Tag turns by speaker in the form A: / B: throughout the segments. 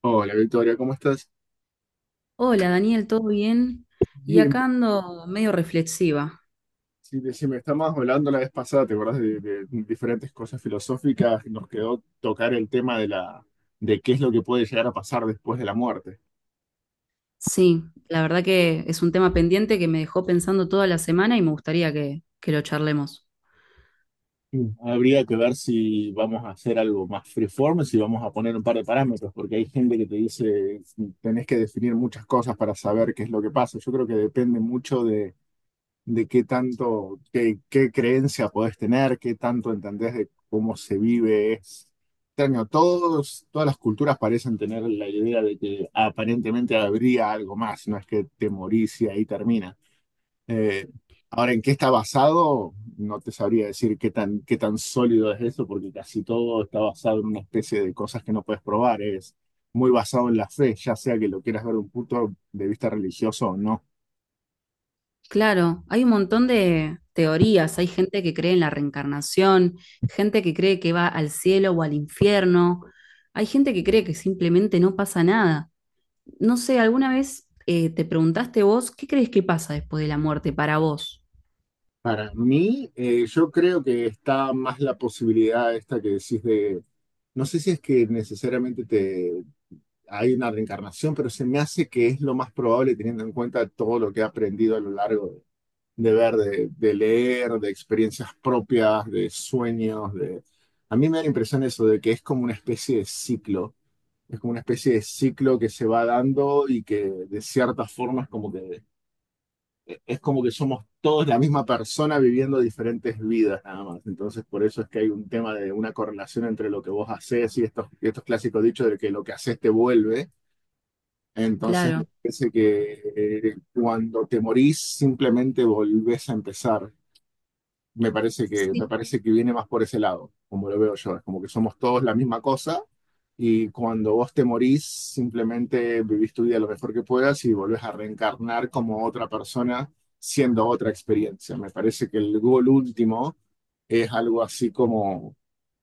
A: Hola Victoria, ¿cómo estás?
B: Hola Daniel, ¿todo bien? Y acá
A: Bien,
B: ando medio reflexiva.
A: sí, decime, estábamos hablando la vez pasada, ¿te acuerdas de diferentes cosas filosóficas? Nos quedó tocar el tema de qué es lo que puede llegar a pasar después de la muerte.
B: Sí, la verdad que es un tema pendiente que me dejó pensando toda la semana y me gustaría que lo charlemos.
A: Mm. Habría que ver si vamos a hacer algo más freeform, si vamos a poner un par de parámetros, porque hay gente que te dice, tenés que definir muchas cosas para saber qué es lo que pasa. Yo creo que depende mucho de qué tanto, qué creencia podés tener, qué tanto entendés de cómo se vive. Es extraño. Todas las culturas parecen tener la idea de que aparentemente habría algo más, no es que te morís y ahí termina. Eh, ahora, ¿en qué está basado? No te sabría decir qué tan sólido es eso, porque casi todo está basado en una especie de cosas que no puedes probar. Es muy basado en la fe, ya sea que lo quieras ver de un punto de vista religioso o no.
B: Claro, hay un montón de teorías, hay gente que cree en la reencarnación, gente que cree que va al cielo o al infierno, hay gente que cree que simplemente no pasa nada. No sé, ¿alguna vez te preguntaste vos qué crees que pasa después de la muerte para vos?
A: Para mí, yo creo que está más la posibilidad esta que decís de, no sé si es que necesariamente te, hay una reencarnación, pero se me hace que es lo más probable teniendo en cuenta todo lo que he aprendido a lo largo de ver, de leer, de experiencias propias, de sueños, de... A mí me da la impresión eso de que es como una especie de ciclo, es como una especie de ciclo que se va dando y que de ciertas formas como que es como que somos todos la misma persona viviendo diferentes vidas nada más. Entonces, por eso es que hay un tema de una correlación entre lo que vos haces y y estos clásicos dichos de que lo que haces te vuelve. Entonces, me
B: Claro.
A: parece que cuando te morís, simplemente volvés a empezar. Me
B: Sí.
A: parece que viene más por ese lado, como lo veo yo. Es como que somos todos la misma cosa y cuando vos te morís, simplemente vivís tu vida lo mejor que puedas y volvés a reencarnar como otra persona siendo otra experiencia. Me parece que el gol último es algo así como,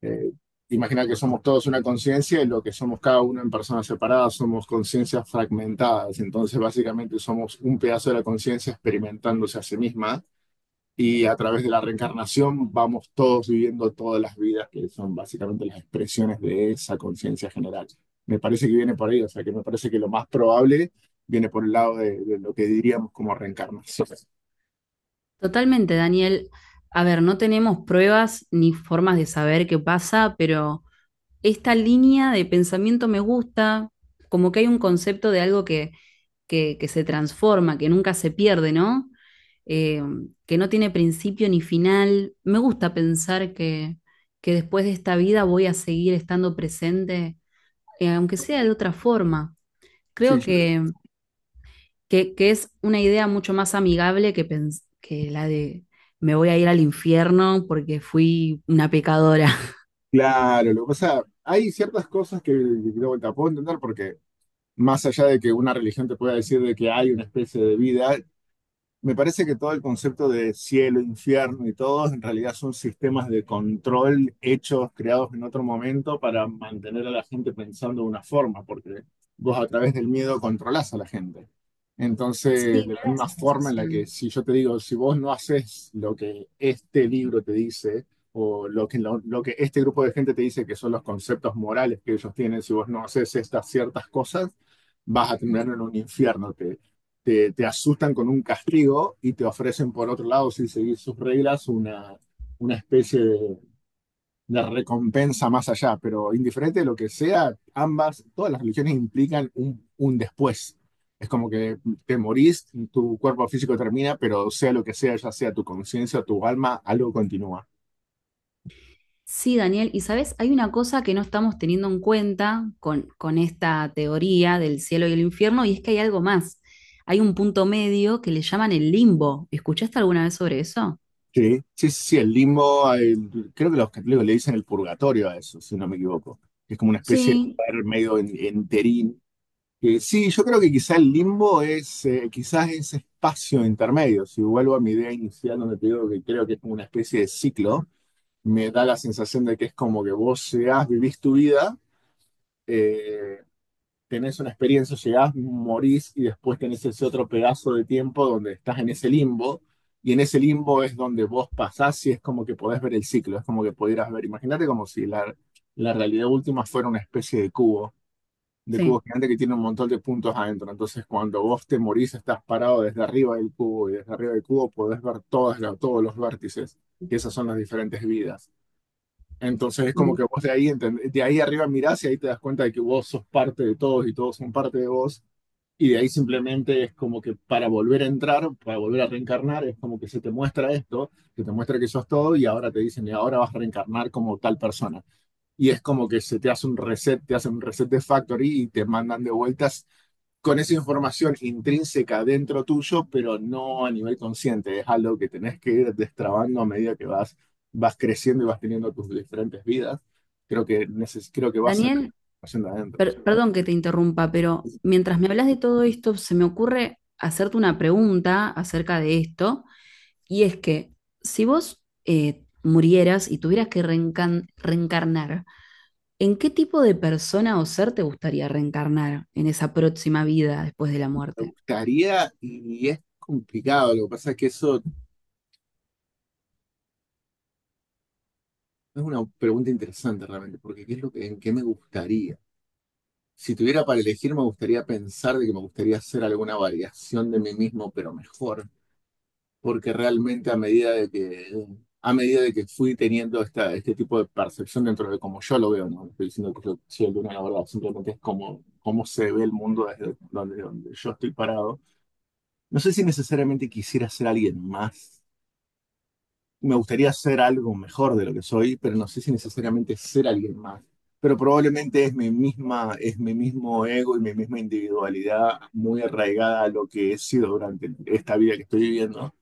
A: eh, imagina que somos todos una conciencia y lo que somos cada uno en personas separadas somos conciencias fragmentadas. Entonces básicamente somos un pedazo de la conciencia experimentándose a sí misma y a través de la reencarnación vamos todos viviendo todas las vidas que son básicamente las expresiones de esa conciencia general. Me parece que viene por ahí, o sea que me parece que lo más probable viene por el lado de lo que diríamos como reencarnación.
B: Totalmente, Daniel. A ver, no tenemos pruebas ni formas de saber qué pasa, pero esta línea de pensamiento me gusta, como que hay un concepto de algo que se transforma, que nunca se pierde, ¿no? Eh, que no tiene principio ni final. Me gusta pensar que después de esta vida voy a seguir estando presente, aunque sea de otra forma.
A: Sí,
B: Creo
A: yo creo.
B: que es una idea mucho más amigable que, que la de me voy a ir al infierno porque fui una pecadora.
A: Claro, lo que pasa, hay ciertas cosas que de vuelta puedo entender porque más allá de que una religión te pueda decir de que hay una especie de vida, me parece que todo el concepto de cielo, infierno y todo en realidad son sistemas de control hechos, creados en otro momento para mantener a la gente pensando de una forma, porque vos a través del miedo controlás a la gente. Entonces,
B: Sí,
A: de la
B: me da
A: misma
B: esa
A: forma en la que
B: sensación.
A: si yo te digo, si vos no haces lo que este libro te dice, o lo que, lo que este grupo de gente te dice que son los conceptos morales que ellos tienen, si vos no haces estas ciertas cosas, vas a terminar en un infierno. ¿Te? Te asustan con un castigo y te ofrecen por otro lado, si seguís sus reglas, una especie de recompensa más allá. Pero indiferente de lo que sea, ambas, todas las religiones implican un después. Es como que te morís, tu cuerpo físico termina, pero sea lo que sea, ya sea tu conciencia o tu alma, algo continúa.
B: Sí, Daniel, y sabes, hay una cosa que no estamos teniendo en cuenta con esta teoría del cielo y el infierno, y es que hay algo más. Hay un punto medio que le llaman el limbo. ¿Escuchaste alguna vez sobre eso?
A: Sí, sí, sí, el limbo, el- creo que los católicos le dicen el purgatorio a eso, si no me equivoco. Es como una especie de
B: Sí,
A: lugar medio en- enterín. Sí, yo creo que quizás el limbo es quizás ese espacio intermedio. Si vuelvo a mi idea inicial donde te digo que creo que es como una especie de ciclo, me da la sensación de que es como que vos llegás, vivís tu vida, eh, tenés una experiencia, llegás, morís y después tenés ese otro pedazo de tiempo donde estás en ese limbo y en ese limbo es donde vos pasás y es como que podés ver el ciclo, es como que pudieras ver, imagínate como si la, la realidad última fuera una especie de cubo
B: sí.
A: gigante que tiene un montón de puntos adentro. Entonces, cuando vos te morís, estás parado desde arriba del cubo y desde arriba del cubo podés ver todas las- todos los vértices, que esas son las diferentes vidas. Entonces, es como
B: Me-
A: que vos de ahí, entend- de ahí arriba mirás y ahí te das cuenta de que vos sos parte de todos y todos son parte de vos. Y de ahí simplemente es como que para volver a entrar, para volver a reencarnar, es como que se te muestra esto, que te muestra que sos todo y ahora te dicen, y ahora vas a reencarnar como tal persona y es como que se te hace un reset, te hacen un reset de factory y te mandan de vueltas con esa información intrínseca dentro tuyo, pero no a nivel consciente. Es algo que tenés que ir destrabando a medida que vas, vas creciendo y vas teniendo tus diferentes vidas. Creo que vas sacando
B: Daniel,
A: información de adentro.
B: Perdón que te interrumpa, pero mientras me hablas de todo esto, se me ocurre hacerte una pregunta acerca de esto, y es que si vos murieras y tuvieras que reencarnar, ¿en qué tipo de persona o ser te gustaría reencarnar en esa próxima vida después de la
A: Me
B: muerte?
A: gustaría, y es complicado, lo que pasa es que eso es una pregunta interesante realmente, porque ¿qué es lo que, en qué me gustaría? Si tuviera para elegir, me gustaría pensar de que me gustaría hacer alguna variación de mí mismo, pero mejor porque realmente a medida a medida de que fui teniendo esta, este tipo de percepción dentro de cómo yo lo veo, no estoy diciendo que yo soy el de una la verdad, simplemente es como, cómo se ve el mundo desde donde, donde yo estoy parado. No sé si necesariamente quisiera ser alguien más. Me gustaría ser algo mejor de lo que soy, pero no sé si necesariamente ser alguien más. Pero probablemente es mi mismo ego y mi misma individualidad muy arraigada a lo que he sido durante esta vida que estoy viviendo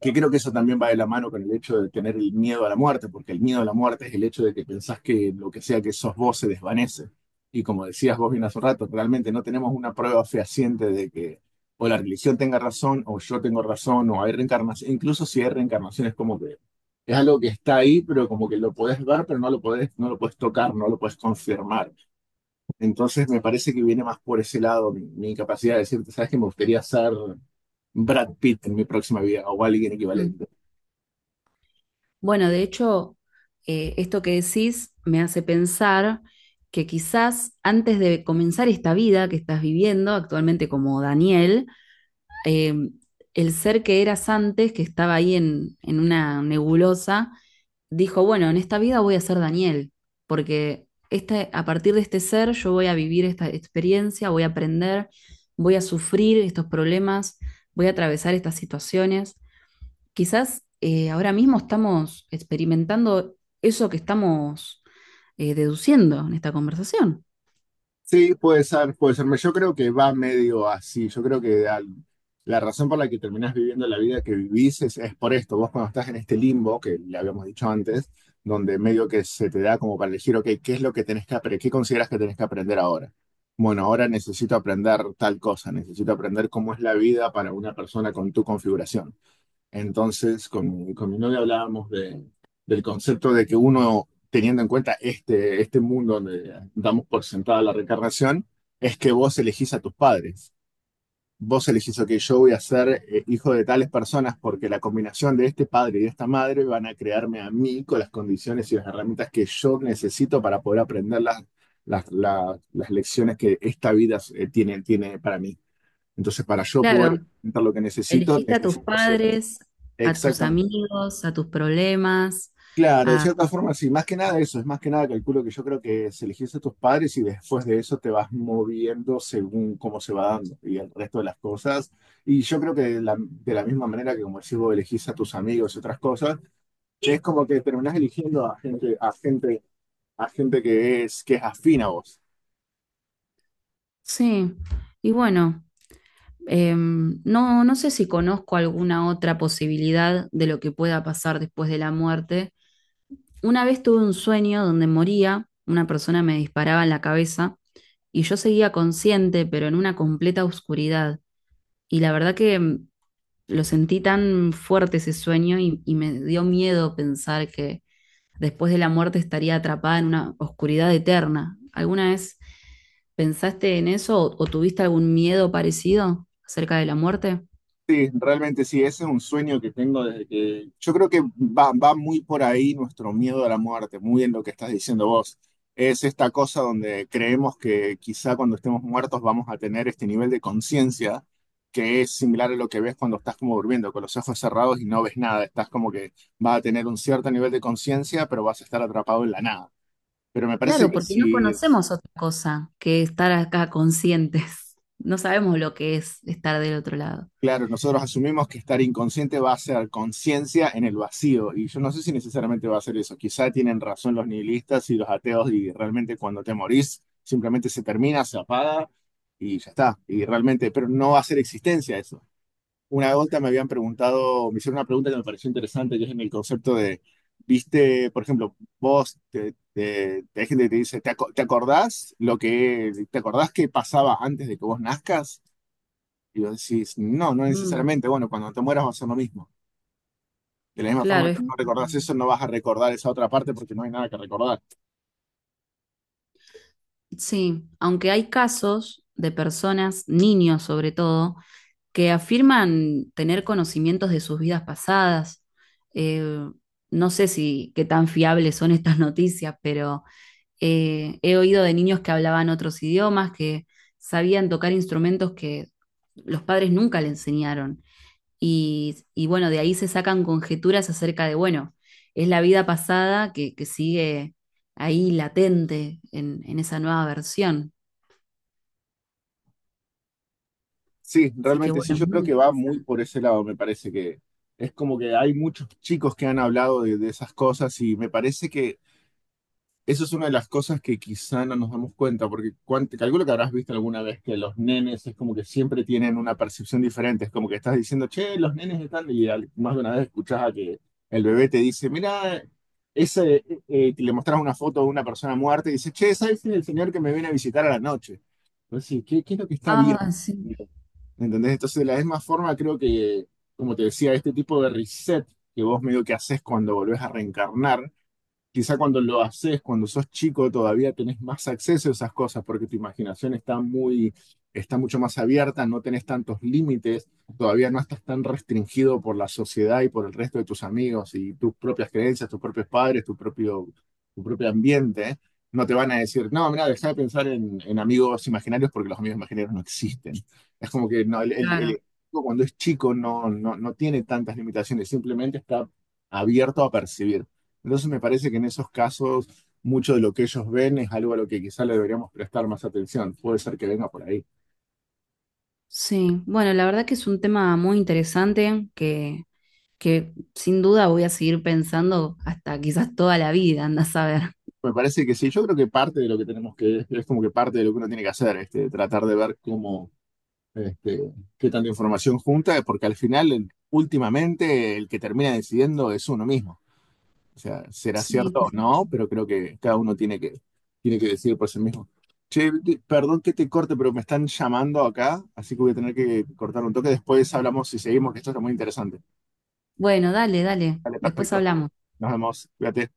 A: que creo que eso también va de la mano con el hecho de tener el miedo a la muerte, porque el miedo a la muerte es el hecho de que pensás que lo que sea que sos vos se desvanece. Y como decías vos bien hace un rato, realmente no tenemos una prueba fehaciente de que o la religión tenga razón, o yo tengo razón, o hay reencarnación. Incluso si hay reencarnación es como que es algo que está ahí, pero como que lo podés ver, pero no lo podés, no lo podés tocar, no lo podés confirmar. Entonces me parece que viene más por ese lado mi incapacidad de decirte, sabes que me gustaría ser Brad Pitt en mi próxima vida, o alguien
B: Mm.
A: equivalente.
B: Bueno, de hecho, esto que decís me hace pensar que quizás antes de comenzar esta vida que estás viviendo actualmente como Daniel, eh, el ser que eras antes, que estaba ahí en una nebulosa, dijo, bueno, en esta vida voy a ser Daniel, porque este, a partir de este ser yo voy a vivir esta experiencia, voy a aprender, voy a sufrir estos problemas, voy a atravesar estas situaciones. Quizás ahora mismo estamos experimentando eso que estamos deduciendo en esta conversación.
A: Sí, puede ser, puede ser. Yo creo que va medio así. Yo creo que al- la razón por la que terminás viviendo la vida que vivís es por esto. Vos cuando estás en este limbo, que le habíamos dicho antes, donde medio que se te da como para elegir, ok, ¿qué es lo que tenés que aprender? ¿Qué consideras que tenés que aprender ahora? Bueno, ahora necesito aprender tal cosa, necesito aprender cómo es la vida para una persona con tu configuración. Entonces, con mi novia hablábamos de, del concepto de que uno, teniendo en cuenta este, este mundo donde damos por sentada la reencarnación, es que vos elegís a tus padres. Vos elegís, ok, yo voy a ser hijo de tales personas porque la combinación de este padre y de esta madre van a crearme a mí con las condiciones y las herramientas que yo necesito para poder aprender las, las lecciones que esta vida tiene, tiene para mí. Entonces, para yo poder
B: Claro,
A: intentar lo que necesito,
B: elegiste a tus
A: necesito ser
B: padres, a tus
A: exactamente.
B: amigos, a tus problemas,
A: Claro, de
B: a...
A: cierta forma, sí, más que nada eso, es más que nada calculo que yo creo que se elegiste a tus padres y después de eso te vas moviendo según cómo se va dando y el resto de las cosas. Y yo creo que de la misma manera que como decís vos elegís a tus amigos y otras cosas, es como que terminás eligiendo a gente, a gente, a gente que es afín a vos.
B: Sí, y bueno, no sé si conozco alguna otra posibilidad de lo que pueda pasar después de la muerte. Una vez tuve un sueño donde moría, una persona me disparaba en la cabeza y yo seguía consciente, pero en una completa oscuridad. Y la verdad que lo sentí tan fuerte ese sueño y me dio miedo pensar que después de la muerte estaría atrapada en una oscuridad eterna. ¿Alguna vez pensaste en eso o tuviste algún miedo parecido acerca de la muerte?
A: Sí, realmente sí, ese es un sueño que tengo desde que yo creo que va, va muy por ahí nuestro miedo a la muerte, muy en lo que estás diciendo vos. Es esta cosa donde creemos que quizá cuando estemos muertos vamos a tener este nivel de conciencia que es similar a lo que ves cuando estás como durmiendo, con los ojos cerrados y no ves nada. Estás como que vas a tener un cierto nivel de conciencia, pero vas a estar atrapado en la nada. Pero me parece
B: Claro,
A: que
B: porque no
A: si
B: conocemos otra cosa que estar acá conscientes. No sabemos lo que es estar del otro lado.
A: claro, nosotros asumimos que estar inconsciente va a ser conciencia en el vacío, y yo no sé si necesariamente va a ser eso. Quizá tienen razón los nihilistas y los ateos, y realmente cuando te morís, simplemente se termina, se apaga y ya está. Y realmente, pero no va a ser existencia eso. Una vuelta me habían preguntado, me hicieron una pregunta que me pareció interesante, que es en el concepto de, viste, por ejemplo, vos, hay gente que te dice, ¿te, te acordás lo que, te acordás que pasaba antes de que vos nazcas? Y vos decís, no, no
B: Mm,
A: necesariamente. Bueno, cuando te mueras va a ser lo mismo. De la misma
B: claro,
A: forma que
B: es...
A: no
B: como
A: recordás eso,
B: que-
A: no vas a recordar esa otra parte porque no hay nada que recordar.
B: Sí, aunque hay casos de personas, niños sobre todo, que afirman tener conocimientos de sus vidas pasadas. Eh, no sé si qué tan fiables son estas noticias, pero he oído de niños que hablaban otros idiomas, que sabían tocar instrumentos que los padres nunca le enseñaron. Y bueno, de ahí se sacan conjeturas acerca de, bueno, es la vida pasada que sigue ahí latente en esa nueva versión.
A: Sí,
B: Así que
A: realmente sí,
B: bueno, es
A: yo creo
B: muy
A: que va muy
B: interesante.
A: por ese lado, me parece que es como que hay muchos chicos que han hablado de esas cosas y me parece que eso es una de las cosas que quizá no nos damos cuenta, porque te calculo que habrás visto alguna vez que los nenes es como que siempre tienen una percepción diferente. Es como que estás diciendo, che, los nenes están, y más de una vez escuchás a que el bebé te dice, mira, ese, que le mostrás una foto de una persona muerta y dice, che, ese es el señor que me viene a visitar a la noche. Pues sí, ¿qué, qué es lo que está bien?
B: Ah, sí,
A: ¿Entendés? Entonces, de la misma forma, creo que, como te decía, este tipo de reset que vos medio que haces cuando volvés a reencarnar. Quizá cuando lo haces, cuando sos chico, todavía tenés más acceso a esas cosas porque tu imaginación está muy, está mucho más abierta, no tenés tantos límites, todavía no estás tan restringido por la sociedad y por el resto de tus amigos y tus propias creencias, tus propios padres, tu propio ambiente. No te van a decir, no, mira, deja de pensar en amigos imaginarios porque los amigos imaginarios no existen. Es como que no,
B: claro.
A: cuando es chico no, no, no tiene tantas limitaciones, simplemente está abierto a percibir. Entonces me parece que en esos casos mucho de lo que ellos ven es algo a lo que quizá le deberíamos prestar más atención. Puede ser que venga por ahí.
B: Sí, bueno, la verdad que es un tema muy interesante que sin duda voy a seguir pensando hasta quizás toda la vida, anda a saber.
A: Me parece que sí, yo creo que parte de lo que tenemos que, es como que parte de lo que uno tiene que hacer, este, tratar de ver cómo, este, qué tanta información junta, porque al final, últimamente, el que termina decidiendo es uno mismo. O sea, será
B: Sí,
A: cierto o
B: quizás.
A: no, pero creo que cada uno tiene que decidir por sí mismo. Che, perdón que te corte, pero me están llamando acá, así que voy a tener que cortar un toque. Después hablamos y seguimos, que esto está muy interesante.
B: Bueno, dale, dale,
A: Vale,
B: después
A: perfecto.
B: hablamos.
A: Nos vemos. Cuídate.